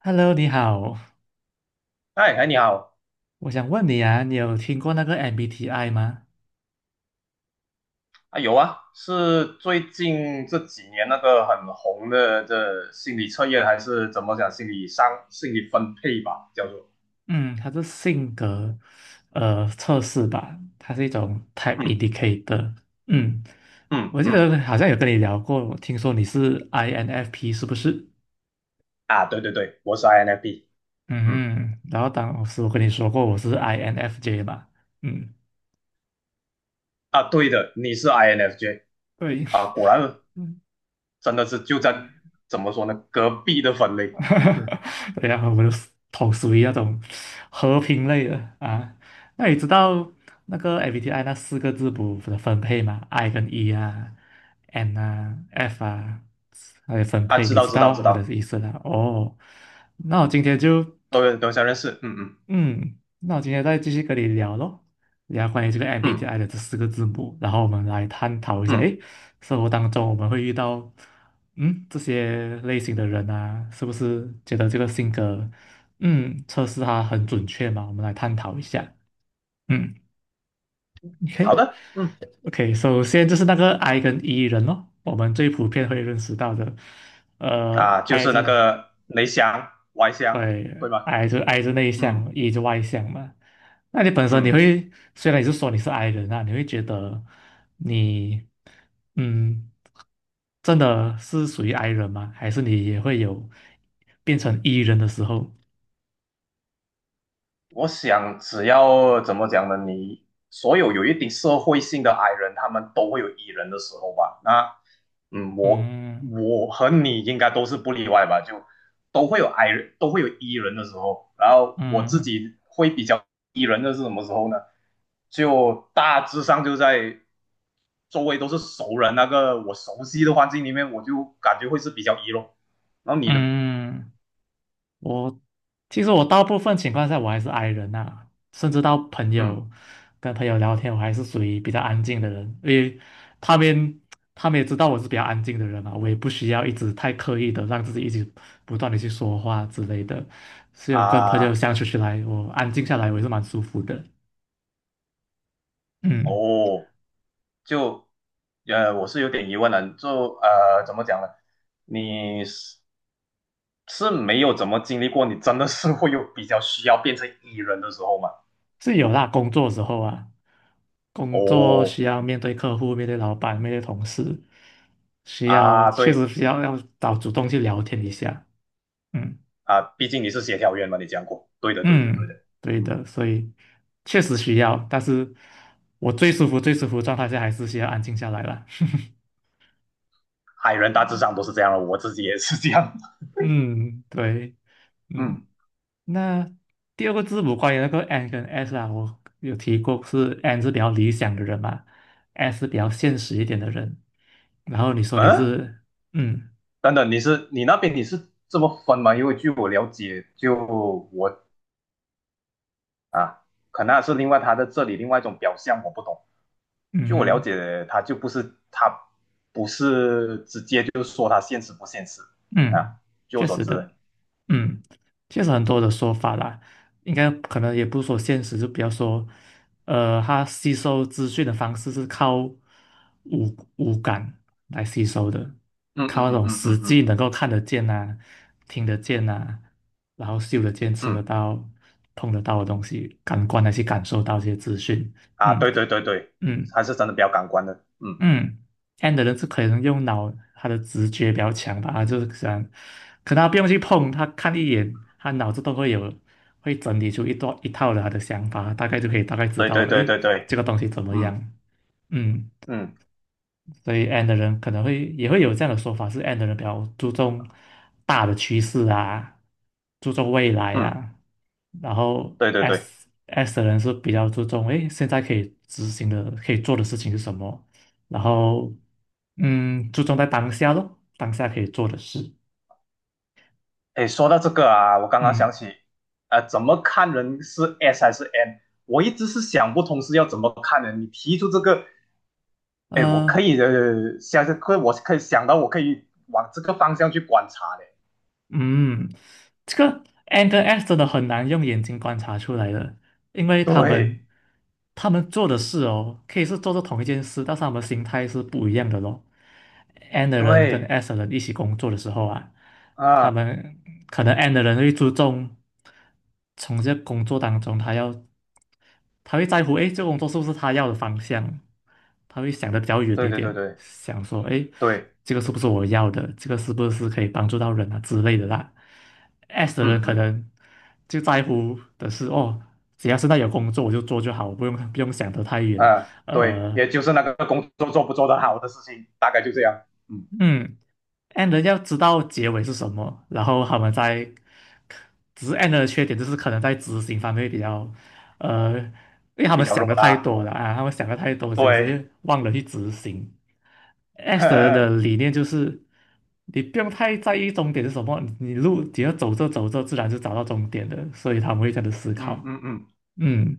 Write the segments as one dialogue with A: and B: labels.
A: Hello，你好，
B: 哎哎，你好。
A: 我想问你啊，你有听过那个 MBTI 吗？
B: 啊，有啊，是最近这几年那个很红的这心理测验，还是怎么讲心理商心理分配吧，叫做。
A: 嗯，它是性格测试吧，它是一种 Type
B: 嗯。
A: Indicator。嗯，
B: 嗯
A: 我记
B: 嗯。
A: 得好像有跟你聊过，听说你是 INFP 是不是？
B: 啊，对对对，我是 INFP。嗯。
A: 嗯，然后当时我跟你说过我是 INFJ 嘛，嗯，
B: 啊，对的，你是 INFJ。
A: 对，
B: 啊，果然。 真的是就在。
A: 嗯。
B: 怎么说呢，隔壁的分 类。
A: 哈哈，对呀、我的 头属于那种和平类的啊。那你知道那个 MBTI 那四个字母的分配吗？I 跟 E 啊，N 啊，F 啊，还有分
B: 啊，
A: 配，
B: 知
A: 你
B: 道
A: 知
B: 知道
A: 道
B: 知
A: 它的
B: 道。
A: 意思了哦，那我今天就
B: 都相认识。嗯嗯。
A: 嗯，那我今天再继续跟你聊咯，聊关于这个
B: 嗯
A: MBTI 的这四个字母，然后我们来探讨一下，
B: 嗯。
A: 诶，生活当中我们会遇到，这些类型的人啊，是不是觉得这个性格，测试它很准确嘛？我们来探讨一下。嗯
B: 好的，
A: ，OK，OK，
B: 嗯。
A: 首先就是那个 I 跟 E 人咯，我们最普遍会认识到的，呃
B: 啊，就
A: ，I
B: 是那
A: 这
B: 个内向外向，
A: 对
B: 对吧？
A: ，I 是内
B: 嗯。
A: 向，E 就外向嘛。那你本身你
B: 嗯。
A: 会，虽然你是说你是 I 人啊，你会觉得你，嗯，真的是属于 I 人吗？还是你也会有变成 E 人的时候？
B: 我想，只要怎么讲呢？你所有有一点社会性的矮人，他们都会有 E 人的时候吧？那，嗯，我
A: 嗯
B: 我和你应该都是不例外吧？就都会有矮人，都会有 E 人的时候。然后我自
A: 嗯
B: 己会比较 E 人的是什么时候呢？就大致上就在周围都是熟人，那个我熟悉的环境里面，我就感觉会是比较 E 咯。然后你呢？
A: 嗯。我其实我大部分情况下我还是 I 人呐，甚至到朋
B: 嗯。
A: 友跟朋友聊天，我还是属于比较安静的人，因为他们他们也知道我是比较安静的人嘛，我也不需要一直太刻意的让自己一直不断的去说话之类的，所以我跟朋友
B: 啊，
A: 相处起来，我安静下来我也是蛮舒服的，嗯，
B: 哦。就我是有点疑问的，就怎么讲呢？你是没有怎么经历过，你真的是会有比较需要变成 E 人的时候吗？
A: 是有啦，工作的时候啊，工作
B: 哦，
A: 需要面对客户、面对老板、面对同事，需要
B: 啊，
A: 确实
B: 对。
A: 需要要找主动去聊天一下。嗯
B: 啊，毕竟你是协调员嘛，你讲过，对的，对的，对
A: 嗯，
B: 的，
A: 对
B: 嗯，
A: 的，所以确实需要，但是我最舒服、最舒服的状态下还是需要安静下来了。
B: 海人大致上都是这样的，我自己也是这样。
A: 嗯，对，嗯，
B: 嗯。
A: 那第二个字母关于那个 N 跟 S 啊，我有提过是 N 是比较理想的人嘛，S 是比较现实一点的人。然后你说你
B: 嗯，
A: 是，嗯
B: 等等，你是你那边你是这么分吗？因为据我了解，就我啊，可能是另外他在这里另外一种表象，我不懂。据我了
A: 嗯
B: 解，他就不是。他不是直接就说他现实不现实啊。
A: 嗯，
B: 据我
A: 确
B: 所
A: 实
B: 知，
A: 的，嗯，确实很多的说法啦，应该可能也不是说现实，就比较说，他吸收资讯的方式是靠五感来吸收的，
B: 嗯嗯
A: 靠那
B: 嗯
A: 种
B: 嗯
A: 实
B: 嗯
A: 际
B: 嗯。
A: 能够看得见呐、听得见呐、然后嗅得见、吃得
B: 嗯
A: 到、碰得到的东西，感官来去感受到这些资讯。
B: 啊，
A: 嗯
B: 对对对对。
A: 嗯，
B: 还是真的比较感官的，嗯，
A: 嗯，N 的人是可能用脑，他的直觉比较强吧，他就是想，可能他不用去碰，他看一眼，他脑子都会有，会整理出一段一套的他的想法，大概就可以大概知
B: 对
A: 道，
B: 对对
A: 诶，
B: 对
A: 这
B: 对，
A: 个东西怎么
B: 嗯
A: 样？嗯，
B: 嗯
A: 所以 N 的人可能也会有这样的说法，是 N 的人比较注重大的趋势啊，注重未来
B: 嗯，
A: 啊，然后
B: 对对对。
A: S 的人是比较注重，诶，现在可以执行的、可以做的事情是什么？然后注重在当下咯，当下可以做的事。
B: 哎，说到这个啊，我刚刚想
A: 嗯，
B: 起，怎么看人是 S 还是 N？我一直是想不通是要怎么看人。你提出这个，哎，我可
A: 呃，
B: 以我可以想到我可以往这个方向去观察的。
A: 嗯，这个 N 跟 S 真的很难用眼睛观察出来的，因为他
B: 对。
A: 们他们做的事哦，可以是做着同一件事，但是他们心态是不一样的咯。N 的人跟
B: 对
A: S 的人一起工作的时候啊，他
B: 啊，
A: 们可能 N 的人会注重从这工作当中，他会在乎，哎，这个工作是不是他要的方向？他会想的比较远
B: 对
A: 一
B: 对对
A: 点，
B: 对
A: 想说，哎，
B: 对，
A: 这个是不是我要的？这个是不是可以帮助到人啊之类的啦。S 的人
B: 嗯
A: 可
B: 嗯。
A: 能就在乎的是，哦，只要是在有工作我就做就好，我不用想得太远。
B: 啊，对，
A: 呃，
B: 也就是那个工作做不做得好的事情，大概就这样，嗯，
A: 嗯，end 要知道结尾是什么，然后他们在，只是 end 的缺点就是可能在执行方面比较，呃，因为他
B: 比
A: 们
B: 较
A: 想
B: 弱
A: 的太
B: 啦，
A: 多了啊，他们想的太多，是有
B: 对。
A: 时忘了去执行。
B: 呵
A: S 的人的
B: 呵，
A: 理念就是，你不用太在意终点是什么，你路只要走着走着，自然就找到终点的，所以他们会这样子思
B: 嗯
A: 考。
B: 嗯嗯。
A: 嗯，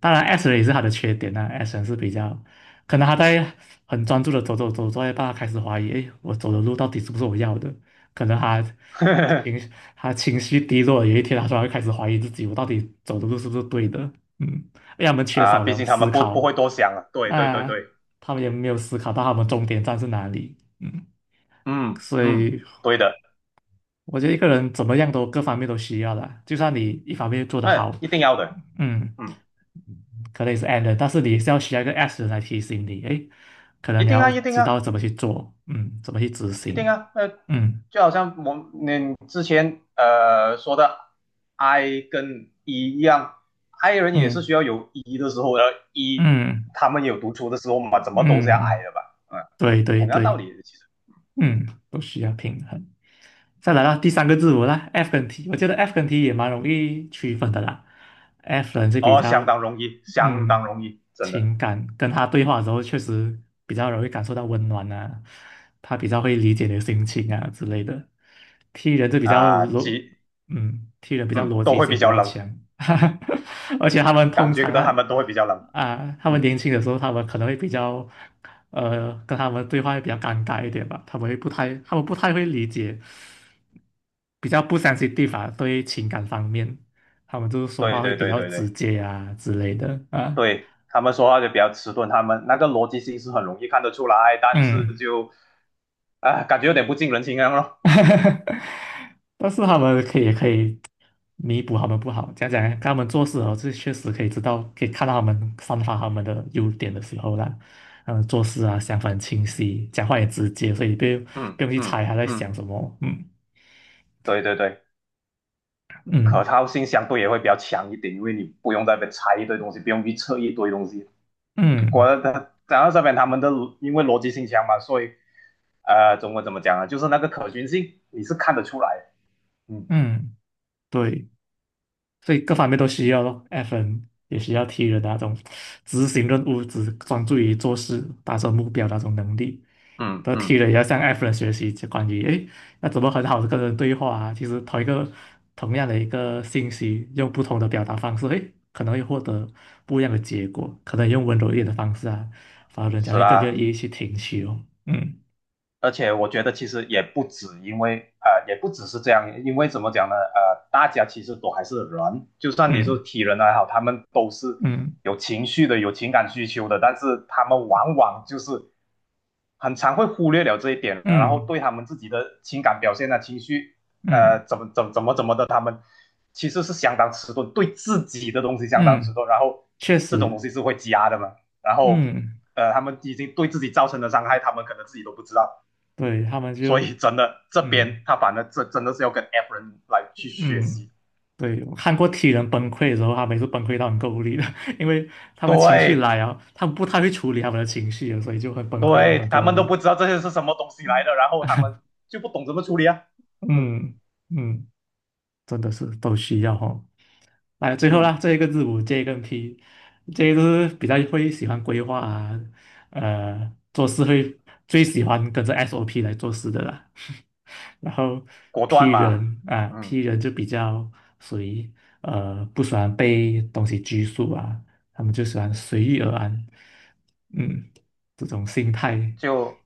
A: 当然 S 人也是他的缺点呐。S 人是比较，可能他在很专注的走走走，走到一半他开始怀疑，诶，我走的路到底是不是我要的？可能
B: 呵呵。
A: 情他情绪低落，有一天他突然开始怀疑自己，我到底走的路是不是对的？嗯，因为他们缺
B: 啊，
A: 少
B: 毕
A: 了
B: 竟他
A: 思
B: 们不
A: 考
B: 不会多想啊，对对对
A: 啊，
B: 对，
A: 他们也没有思考到他们终点站是哪里。嗯，
B: 嗯
A: 所
B: 嗯，
A: 以
B: 对的，
A: 我觉得一个人怎么样都各方面都需要的，就算你一方面做得好，
B: 那一定要的，
A: 嗯。
B: 嗯，
A: 可能也是 and 的但是你需要一个 s 来提醒你，诶，可能
B: 一
A: 你
B: 定
A: 要
B: 啊一定
A: 知道
B: 啊。
A: 怎么去做，怎么去执
B: 一定
A: 行，
B: 啊，那
A: 嗯
B: 就好像我们你之前说的 I 跟 E 一样。I 人也是
A: 嗯
B: 需要有 E 的时候，然后 E
A: 嗯
B: 他们有读出的时候嘛，怎么都是要 I
A: 嗯，
B: 的吧？嗯，
A: 对对
B: 同样道
A: 对，
B: 理，其实。
A: 都需要平衡。再来到第三个字母啦，F 跟 T，我觉得 F 跟 T 也蛮容易区分的啦。F 人是比
B: 哦，相
A: 较，
B: 当容易，相当
A: 嗯，
B: 容易，真的。
A: 情感，跟他对话的时候确实比较容易感受到温暖啊，他比较会理解你的心情啊之类的。T 人就比较
B: 啊，
A: 逻，
B: 几。
A: T 人比较
B: 嗯
A: 逻
B: 都
A: 辑
B: 会比
A: 性比
B: 较
A: 较
B: 冷。
A: 强，而且他们
B: 感
A: 通
B: 觉
A: 常
B: 到
A: 啊，
B: 他们都会比较冷。
A: 啊，他们
B: 嗯，
A: 年轻的时候，他们可能会比较，跟他们对话会比较尴尬一点吧，他们不太会理解。比较不相信 n 方 i t 对情感方面，他们就是说
B: 对
A: 话会
B: 对
A: 比
B: 对
A: 较
B: 对
A: 直
B: 对。
A: 接啊之类的啊，
B: 对，他们说话就比较迟钝，他们那个逻辑性是很容易看得出来，但是
A: 嗯，
B: 就啊感觉有点不近人情一样咯。哦。
A: 但是他们可以也可以弥补他们不好，讲讲看他们做事哦，这确实可以知道，可以看到他们散发他们的优点的时候啦，嗯，做事啊想法很清晰，讲话也直接，所以不用
B: 嗯
A: 不用去
B: 嗯
A: 猜他在想
B: 嗯，
A: 什么，嗯
B: 对对对，可
A: 嗯
B: 靠性相对也会比较强一点，因为你不用再被拆一堆东西，不用去测一堆东西。果
A: 嗯
B: 然，他讲到这边，他们的因为逻辑性强嘛，所以中文怎么讲啊？就是那个可循性，你是看得出来的。
A: 嗯，对。所以各方面都需要咯，FN，也需要 T 人的那种执行任务、只专注于做事、达成目标的那种能力。
B: 嗯嗯
A: 然后 T
B: 嗯，
A: 人也要向 F 人学习，就关于诶，要怎么很好的跟人对话啊？其实同样的一个信息，用不同的表达方式，诶，可能会获得不一样的结果。可能用温柔一点的方式啊，反而人家
B: 是
A: 会更愿
B: 啦。
A: 意去听取哦。嗯
B: 而且我觉得其实也不止，因为也不只是这样，因为怎么讲呢？大家其实都还是人，就算你是
A: 嗯
B: 体人还好，他们都是
A: 嗯
B: 有情绪的、有情感需求的，但是他们往往就是很常会忽略了这一点，然后
A: 嗯
B: 对他们自己的情感表现啊、情绪，
A: 嗯
B: 怎么怎么怎么怎么的，他们其实是相当迟钝，对自己的东西相当
A: 嗯，
B: 迟钝。然后
A: 确
B: 这种东
A: 实，
B: 西是会积压的嘛，然后
A: 嗯，
B: 他们已经对自己造成的伤害，他们可能自己都不知道。
A: 对他们
B: 所
A: 就
B: 以真的这边
A: 嗯。
B: 他反正这真的是要跟 F 人来去学
A: 嗯，
B: 习。
A: 对，我看过 T 人崩溃的时候，他们也是崩溃到很够力的，因为他们情绪
B: 对
A: 来啊，他们不太会处理他们的情绪，所以就会崩溃到
B: 对，
A: 很
B: 他
A: 够
B: 们都
A: 力。
B: 不知道这些是什么东西来的，然后他们就不懂怎么处理啊。嗯
A: 嗯嗯，真的是都需要哦。哎，最后啦，
B: 嗯。
A: 这一个字母 J 跟 p 这些都是比较会喜欢规划啊，做事会最喜欢跟着 SOP 来做事的啦。然后
B: 果
A: P
B: 断嘛。
A: 人啊
B: 嗯，
A: ，P 人就比较属于不喜欢被东西拘束啊，他们就喜欢随遇而安，嗯，这种心态，
B: 就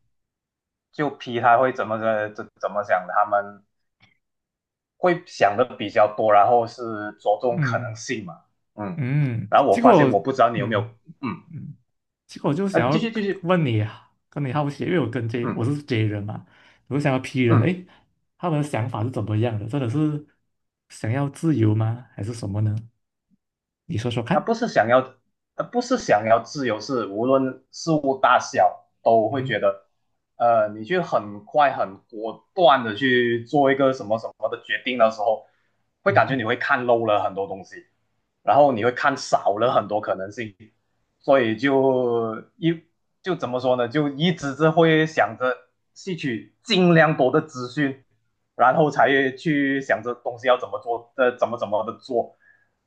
B: 批他会怎么的怎么想的，他们会想的比较多，然后是着重可能
A: 嗯
B: 性嘛。嗯，
A: 嗯，
B: 然后我
A: 结
B: 发
A: 果
B: 现我不知道你有没有。
A: 嗯。
B: 嗯，
A: 嗯，其实我就
B: 那
A: 想
B: 继续
A: 要
B: 继续。
A: 问你啊，跟你好奇，因为我跟 J 我
B: 嗯
A: 是 J 人嘛，我就想要 P 人，
B: 嗯。
A: 诶，他们的想法是怎么样的？真的是想要自由吗？还是什么呢？你说说
B: 他
A: 看。
B: 不是想要，他不是想要自由，是无论事物大小都会觉
A: 嗯
B: 得，你去很快、很果断的去做一个什么什么的决定的时候，会感觉你
A: 嗯
B: 会看漏了很多东西，然后你会看少了很多可能性。所以就怎么说呢，就一直是会想着吸取尽量多的资讯，然后才去想着东西要怎么做，怎么怎么的做。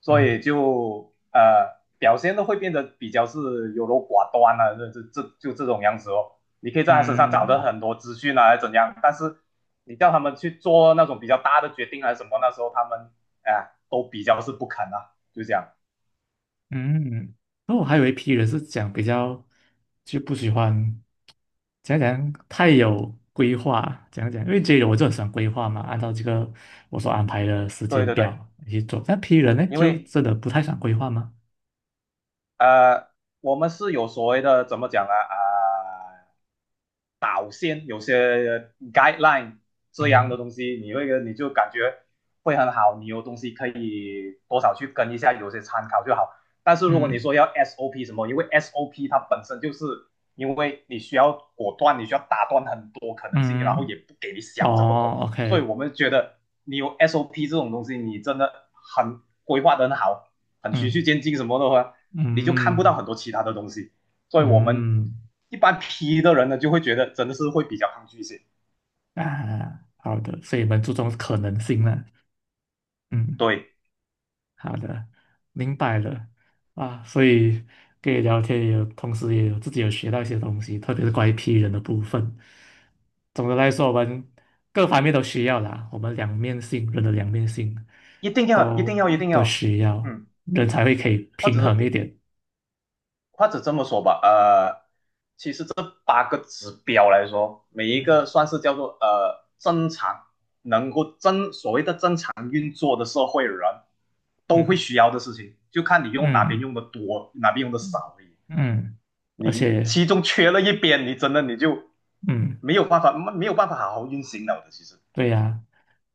B: 所
A: 嗯
B: 以就表现都会变得比较是优柔寡断啊，这就这种样子哦。你可以在他身上找到
A: 嗯
B: 很多资讯啊，怎样？但是你叫他们去做那种比较大的决定啊还是什么，那时候他们哎、都比较是不肯啊，就这样。
A: 嗯，那我还有一批人是讲比较就不喜欢讲讲太有规划，讲讲，因为 J 人我就很喜欢规划嘛，按照这个我所安排的时
B: 对
A: 间
B: 对对，
A: 表去做。那 P 人呢，
B: 因
A: 就
B: 为
A: 真的不太想规划吗？
B: 呃，我们是有所谓的怎么讲呢？啊、导线，有些 guideline 这样的
A: 嗯
B: 东西，你就感觉会很好，你有东西可以多少去跟一下，有些参考就好。但是如果你
A: 嗯
B: 说要 SOP 什么，因为 SOP 它本身就是因为你需要果断，你需要打断很多可能性，然后
A: 嗯，
B: 也不给你想这么多，
A: 哦
B: 所以
A: ，OK，
B: 我们觉得你有 SOP 这种东西，你真的很规划得很好，很循序
A: 嗯
B: 渐进什么的话，你就看不
A: 嗯
B: 到很多其他的东西。所以我们
A: 嗯
B: 一般 P 的人呢，就会觉得真的是会比较抗拒一些。
A: 啊，好的，所以你们注重可能性了，嗯，
B: 对，
A: 好的，明白了啊，所以跟你聊天也有，同时也有自己有学到一些东西，特别是关于 P 人的部分。总的来说，我们各方面都需要啦，我们两面性，人的两面性
B: 一定要，一定
A: 都
B: 要，一定
A: 都
B: 要，
A: 需要，
B: 嗯，
A: 人才会可以
B: 或
A: 平衡
B: 者
A: 一点，
B: 或者这么说吧，其实这八个指标来说，每一
A: 嗯
B: 个算是叫做正常，能够正所谓的正常运作的社会人都会
A: 嗯。
B: 需要的事情，就看你用哪边
A: 嗯
B: 用的多，哪边用的少而已。
A: 嗯，而
B: 你
A: 且，
B: 其中缺了一边，你真的你就
A: 嗯，
B: 没有办法，没有办法好好运行了的，其实，
A: 对呀、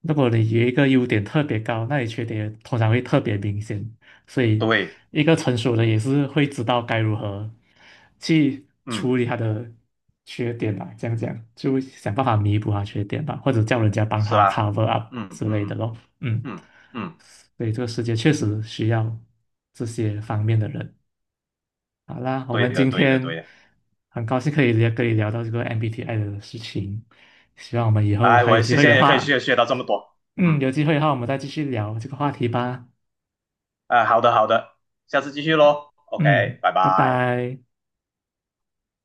A: 如果你有一个优点特别高，那你缺点通常会特别明显。所以，
B: 对，
A: 一个成熟的也是会知道该如何去
B: 嗯，
A: 处理他的缺点吧，这样讲，就想办法弥补他缺点吧，或者叫人家帮
B: 是
A: 他
B: 啦，
A: cover up
B: 嗯
A: 之
B: 嗯
A: 类的
B: 嗯
A: 咯。嗯，
B: 嗯嗯，
A: 所以这个世界确实需要这些方面的人。好啦，我
B: 对
A: 们
B: 的，
A: 今
B: 对的，对
A: 天
B: 的。
A: 很高兴可以聊到这个 MBTI 的事情，希望我们以后
B: 哎，
A: 还有
B: 我
A: 机
B: 现
A: 会
B: 在
A: 的
B: 也可以学
A: 话，
B: 学到这么多，
A: 嗯，
B: 嗯。
A: 有机会的话我们再继续聊这个话题吧。
B: 啊，好的好的，下次继续喽，OK，
A: 嗯，
B: 拜
A: 拜
B: 拜。
A: 拜。